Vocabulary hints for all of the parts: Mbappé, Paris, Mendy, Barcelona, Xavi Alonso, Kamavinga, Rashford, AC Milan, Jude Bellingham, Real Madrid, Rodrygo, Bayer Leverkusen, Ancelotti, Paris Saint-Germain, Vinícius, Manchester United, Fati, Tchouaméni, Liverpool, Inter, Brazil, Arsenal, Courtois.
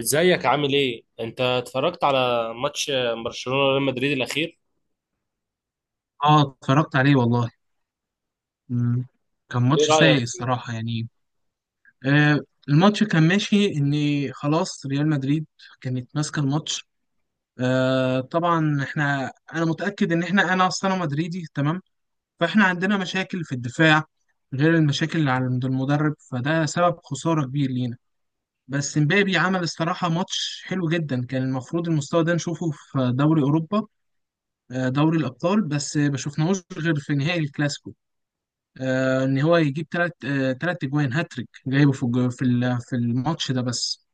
ازيك عامل ايه؟ انت اتفرجت على ماتش برشلونة وريال مدريد الاخير؟ اه اتفرجت عليه والله. مم. كان ايه ماتش رأيك؟ سيء الصراحة يعني. آه الماتش كان ماشي ان خلاص، ريال مدريد كانت ماسكة الماتش. طبعا انا متأكد ان انا اصلا مدريدي، تمام. فاحنا عندنا مشاكل في الدفاع، غير المشاكل اللي عند المدرب، فده سبب خسارة كبير لينا. بس مبابي عمل الصراحة ماتش حلو جدا، كان المفروض المستوى ده نشوفه في دوري أوروبا، دوري الأبطال، بس ما شفناهوش غير في نهائي الكلاسيكو. ان هو يجيب ثلاث اجوان، هاتريك جايبه في الج- في ال- في الماتش ده بس.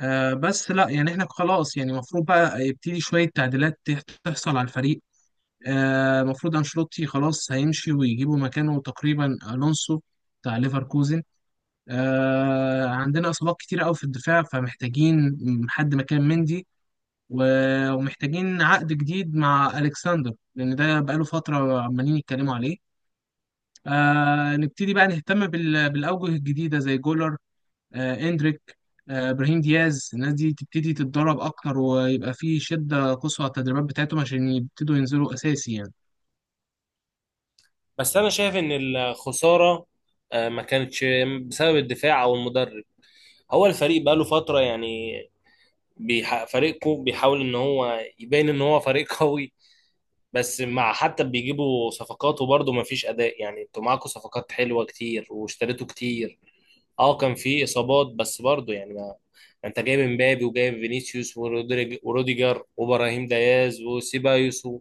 بس لا يعني احنا خلاص، يعني المفروض بقى يبتدي شويه تعديلات تحصل على الفريق. المفروض انشيلوتي خلاص هيمشي، ويجيبوا مكانه تقريبا الونسو بتاع ليفركوزن. عندنا اصابات كتير قوي في الدفاع، فمحتاجين حد مكان مندي، ومحتاجين عقد جديد مع الكسندر، لان ده بقاله فتره عمالين يتكلموا عليه. نبتدي بقى نهتم بالأوجه الجديدة، زي جولر، إندريك، إبراهيم دياز. الناس دي تبتدي تتدرب أكتر، ويبقى في شدة قصوى على التدريبات بتاعتهم عشان يبتدوا ينزلوا أساسي يعني. بس انا شايف ان الخسارة ما كانتش بسبب الدفاع او المدرب. هو الفريق بقاله فترة يعني فريقه بيحاول ان هو يبين ان هو فريق قوي. بس مع حتى بيجيبوا صفقات وبرضه ما فيش اداء، يعني انتوا معاكوا صفقات حلوة كتير واشتريتوا كتير. اه كان في اصابات بس برضه يعني ما انت جايب امبابي وجايب فينيسيوس وروديجر وابراهيم دياز وسيبايوس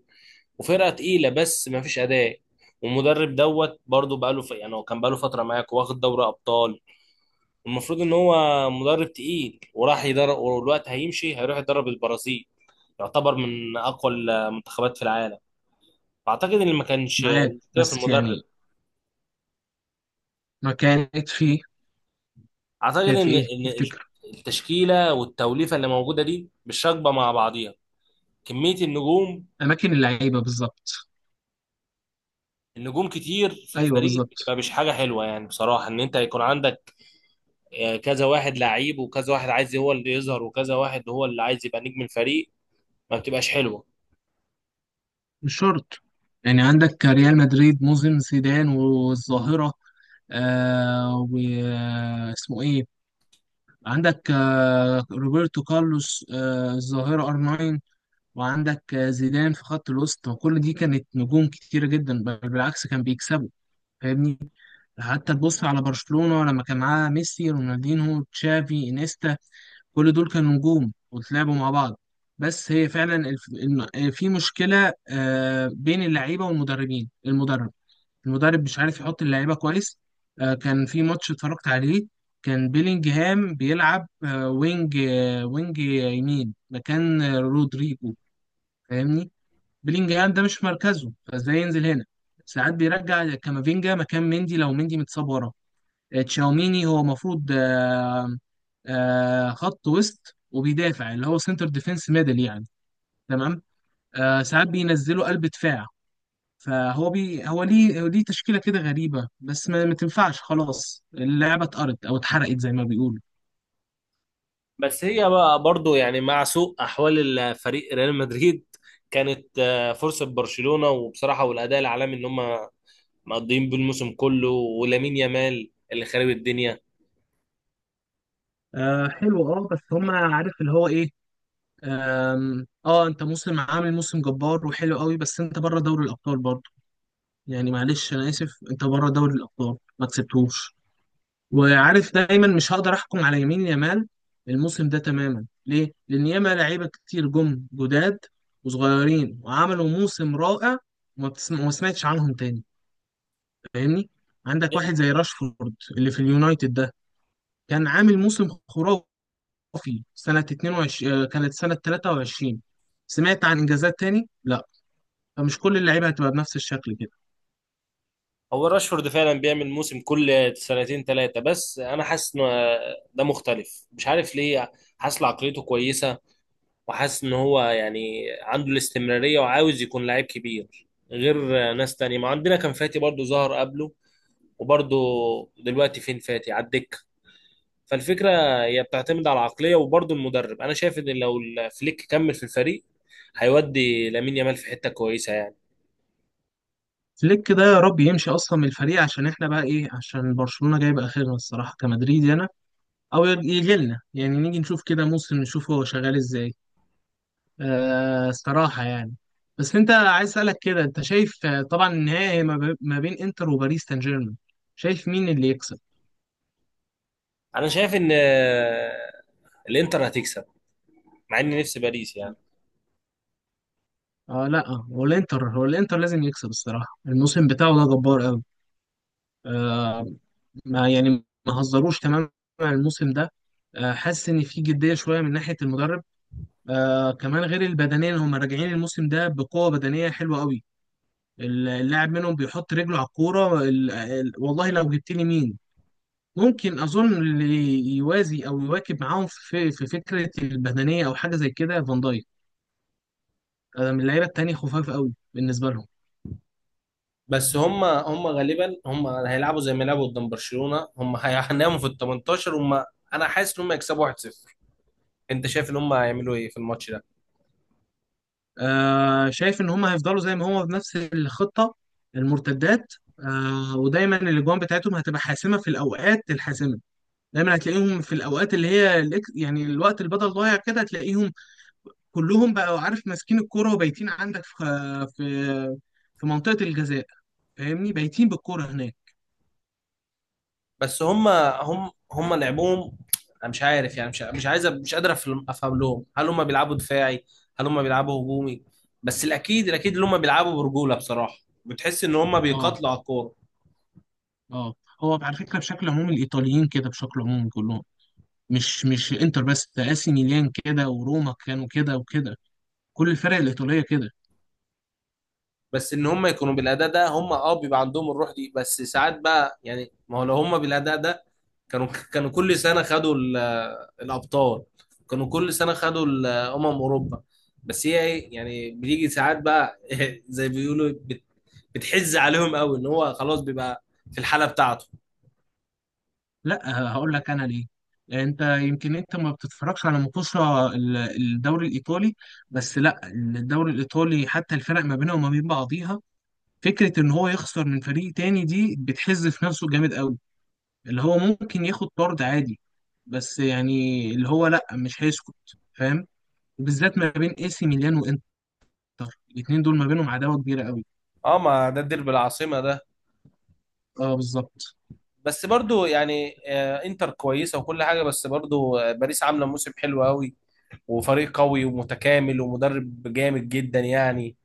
وفرقه تقيله بس ما فيش اداء. والمدرب دوت برضه بقاله يعني هو كان بقاله فتره معاك واخد دوري ابطال. المفروض ان هو مدرب تقيل، وراح يدرب والوقت هيمشي هيروح يدرب البرازيل، يعتبر من اقوى المنتخبات في العالم. فاعتقد ان ما كانش معاك، المشكله في بس المدرب. يعني ما كانت في. اعتقد كانت في ان إيه ان تفتكر؟ التشكيله والتوليفه اللي موجوده دي مش راكبه مع بعضيها. كميه النجوم أماكن اللعيبة بالظبط. النجوم كتير في أيوه، الفريق بالظبط. بتبقى مش حاجه حلوه، يعني بصراحه ان انت يكون عندك كذا واحد لعيب وكذا واحد عايز هو اللي يظهر وكذا واحد هو اللي عايز يبقى نجم الفريق، ما بتبقاش حلوه. مش شرط، يعني عندك ريال مدريد موسم زيدان والظاهرة. واسمه إيه، عندك روبرتو كارلوس، الظاهرة ار 9، وعندك زيدان في خط الوسط، وكل دي كانت نجوم كتيرة جدا، بل بالعكس كان بيكسبوا. فاهمني؟ حتى تبص على برشلونة لما كان معاه ميسي، رونالدينهو، تشافي، انيستا، كل دول كانوا نجوم، وتلعبوا مع بعض. بس هي فعلا الف... الم- آه، في مشكلة بين اللعيبة والمدربين. المدرب مش عارف يحط اللعيبه كويس. كان في ماتش اتفرجت عليه، كان بيلينجهام بيلعب وينج، يمين مكان رودريجو. فاهمني؟ بيلينجهام ده مش مركزه، فازاي ينزل هنا؟ ساعات بيرجع كامافينجا مكان مندي لو مندي متصاب ورا. تشاوميني هو المفروض خط وسط وبيدافع، اللي هو سنتر ديفense ميدل يعني. تمام. ساعات بينزلوا قلب دفاع. فهو هو ليه تشكيلة كده غريبة، بس ما تنفعش خلاص، اللعبة اتقرت أو اتحرقت زي ما بيقولوا. بس هي بقى برضو يعني مع سوء احوال الفريق ريال مدريد، كانت فرصه برشلونه وبصراحه والاداء العالمي ان هم مقضيين بالموسم كله، ولامين يامال اللي خارب الدنيا. حلو. اه بس هما عارف اللي هو ايه. آم، اه انت عامل موسم جبار وحلو قوي، بس انت بره دوري الأبطال برضه. يعني معلش أنا آسف، انت بره دوري الأبطال ما كسبتهوش، وعارف دايما مش هقدر أحكم على يمين يامال الموسم ده تماما. ليه؟ لأن ياما لعيبة كتير جم جداد وصغيرين، وعملوا موسم رائع، وما سمعتش عنهم تاني. فاهمني؟ عندك واحد زي راشفورد اللي في اليونايتد ده، كان عامل موسم خرافي سنة 22، كانت سنة 23. سمعت عن إنجازات تاني؟ لا. فمش كل اللعيبة هتبقى بنفس الشكل كده. هو راشفورد فعلا بيعمل موسم كل سنتين ثلاثة، بس أنا حاسس إن ده مختلف، مش عارف ليه. حاسس إن عقليته كويسة، وحاسس إن هو يعني عنده الاستمرارية وعاوز يكون لعيب كبير غير ناس تانية. ما عندنا كان فاتي برضو ظهر قبله، وبرضو دلوقتي فين فاتي؟ على الدكة. فالفكرة هي بتعتمد على العقلية وبرضو المدرب. أنا شايف إن لو فليك كمل في الفريق هيودي لامين يامال في حتة كويسة يعني. فليك ده يا رب يمشي أصلا من الفريق، عشان إحنا بقى إيه، عشان برشلونة جايب آخرنا الصراحة كمدريدي أنا، أو يجي لنا يعني، نيجي نشوف كده موسم، نشوف هو شغال إزاي. الصراحة يعني. بس أنت عايز أسألك كده، أنت شايف طبعا النهائي ما بين إنتر وباريس سان جيرمان، شايف مين اللي يكسب؟ أنا شايف إن الإنتر هتكسب، مع إني نفسي باريس يعني. اه لا، هو الانتر، لازم يكسب الصراحه، الموسم بتاعه ده جبار قوي. آه ما يعني ما هزروش تماما الموسم ده. حاسس ان في جديه شويه من ناحيه المدرب. كمان غير البدنيه، هم راجعين الموسم ده بقوه بدنيه حلوه قوي. اللاعب منهم بيحط رجله على الكوره والله لو جبت لي مين ممكن اظن اللي يوازي او يواكب معاهم في فكره البدنيه، او حاجه زي كده، فان دايك من اللعيبه التانيه، خفاف قوي بالنسبه لهم. بس هم غالبا هم هيلعبوا زي ما لعبوا قدام برشلونة، هم هيناموا في ال 18 هم. انا حاسس ان هم يكسبوا 1-0. انت شايف ان هم هيعملوا ايه في الماتش ده؟ شايف ان هم هيفضلوا زي ما هم بنفس الخطه، المرتدات، ودايما الاجوان بتاعتهم هتبقى حاسمه في الاوقات الحاسمه. دايما هتلاقيهم في الاوقات اللي هي يعني الوقت اللي بدل ضايع كده، هتلاقيهم كلهم، بقوا عارف ماسكين الكوره، وبايتين عندك في في منطقه الجزاء. فاهمني؟ بايتين بالكوره هناك. بس هم لعبوهم. انا مش عارف، يعني مش عايز، مش قادر أفهم لهم. هل هم بيلعبوا دفاعي؟ هل هم بيلعبوا هجومي؟ بس الاكيد ان هم بيلعبوا برجولة بصراحة. بتحس ان هم اه. بيقاتلوا على الكورة. اه. هو على فكره بشكل عمومي الايطاليين كده، بشكل عمومي كلهم، مش انتر بس، ده اسي ميلان كده، وروما كانوا كده وكده، كل الفرق الايطاليه كده. بس ان هم يكونوا بالاداء ده هم بيبقى عندهم الروح دي، بس ساعات بقى يعني ما هو لو هم بالاداء ده كانوا كانوا كل سنه خدوا الابطال، كانوا كل سنه خدوا اوروبا. بس هي ايه يعني بيجي ساعات بقى زي بيقولوا بتحز عليهم قوي ان هو خلاص بيبقى في الحاله بتاعته. لا، هقول لك انا ليه، انت يمكن انت ما بتتفرجش على مطوشه الدوري الايطالي. بس لا، الدوري الايطالي حتى الفرق ما بينها وما بين بعضيها، فكره ان هو يخسر من فريق تاني دي بتحز في نفسه جامد قوي، اللي هو ممكن ياخد طرد عادي، بس يعني اللي هو لا، مش هيسكت. فاهم؟ بالذات ما بين اي سي ميلان وانتر، الاثنين دول ما بينهم عداوه كبيره قوي. اه ما ده الديربي العاصمه ده. اه، بالظبط. بس برضو يعني انتر كويسه وكل حاجه، بس برضو باريس عامله موسم حلو قوي وفريق قوي ومتكامل ومدرب جامد جدا يعني.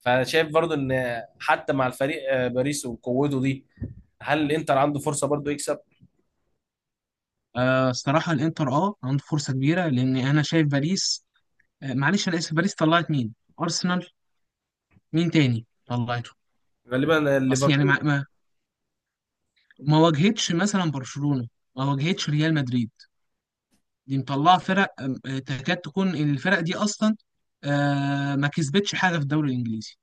فانا شايف برضو ان حتى مع الفريق باريس وقوته دي، هل الانتر عنده فرصه برضو يكسب؟ الصراحه الانتر عنده فرصه كبيره، لان انا شايف باريس، معلش انا اسف، باريس طلعت مين؟ ارسنال. مين تاني طلعته؟ غالبا اصل يعني ليفربول. ما واجهتش مثلا برشلونة، ما واجهتش ريال مدريد، دي مطلعه فرق تكاد تكون الفرق دي اصلا ما كسبتش حاجه في الدوري الانجليزي.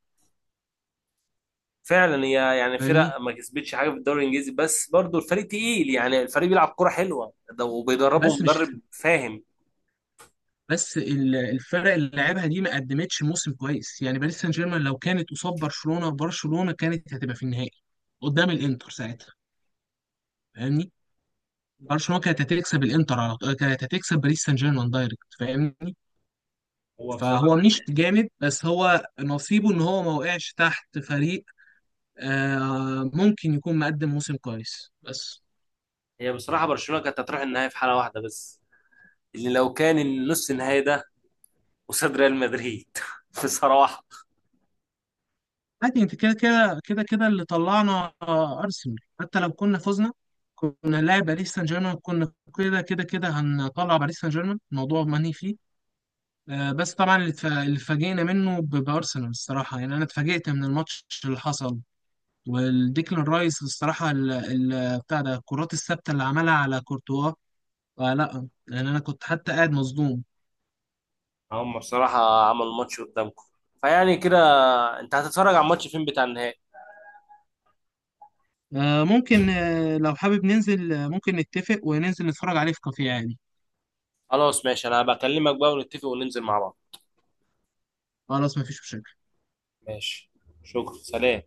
فعلا هي يعني فرق فاهمني؟ ما كسبتش حاجه في الدوري الانجليزي، بس برضو الفريق تقيل يعني، الفريق بيلعب كرة حلوه ده وبيدربه بس مش مدرب فاهم. بس الفرق اللي لعبها دي ما قدمتش موسم كويس، يعني باريس سان جيرمان لو كانت قصاد برشلونة، برشلونة كانت هتبقى في النهائي قدام الانتر ساعتها. فاهمني؟ برشلونة كانت هتكسب الانتر على طول، كانت هتكسب باريس سان جيرمان دايركت. فاهمني؟ هو بصراحه فهو مش جامد، بس هو نصيبه ان هو ما وقعش تحت فريق ممكن يكون مقدم موسم كويس بس. هي بصراحه برشلونه كانت هتروح النهائي في حاله واحده بس، اللي لو كان النص النهائي ده قصاد ريال مدريد في صراحه. عادي، انت كده كده كده كده اللي طلعنا ارسنال، حتى لو كنا فزنا كنا لاعب باريس سان جيرمان، كنا كده كده كده هنطلع باريس سان جيرمان، الموضوع ماني فيه. بس طبعا اللي اتفاجئنا منه بارسنال الصراحه، يعني انا اتفاجئت من الماتش اللي حصل، والديكلان رايس الصراحه بتاع ده، الكرات الثابته اللي عملها على كورتوا. لا، لان انا كنت حتى قاعد مصدوم. هم بصراحة عملوا ماتش قدامكم، فيعني كده. انت هتتفرج على الماتش فين بتاع النهائي؟ ممكن، لو حابب ننزل، ممكن نتفق وننزل نتفرج عليه في كافيه عادي. خلاص ماشي، انا بكلمك بقى ونتفق وننزل مع بعض. خلاص، مفيش مشاكل. ماشي، شكرا، سلام.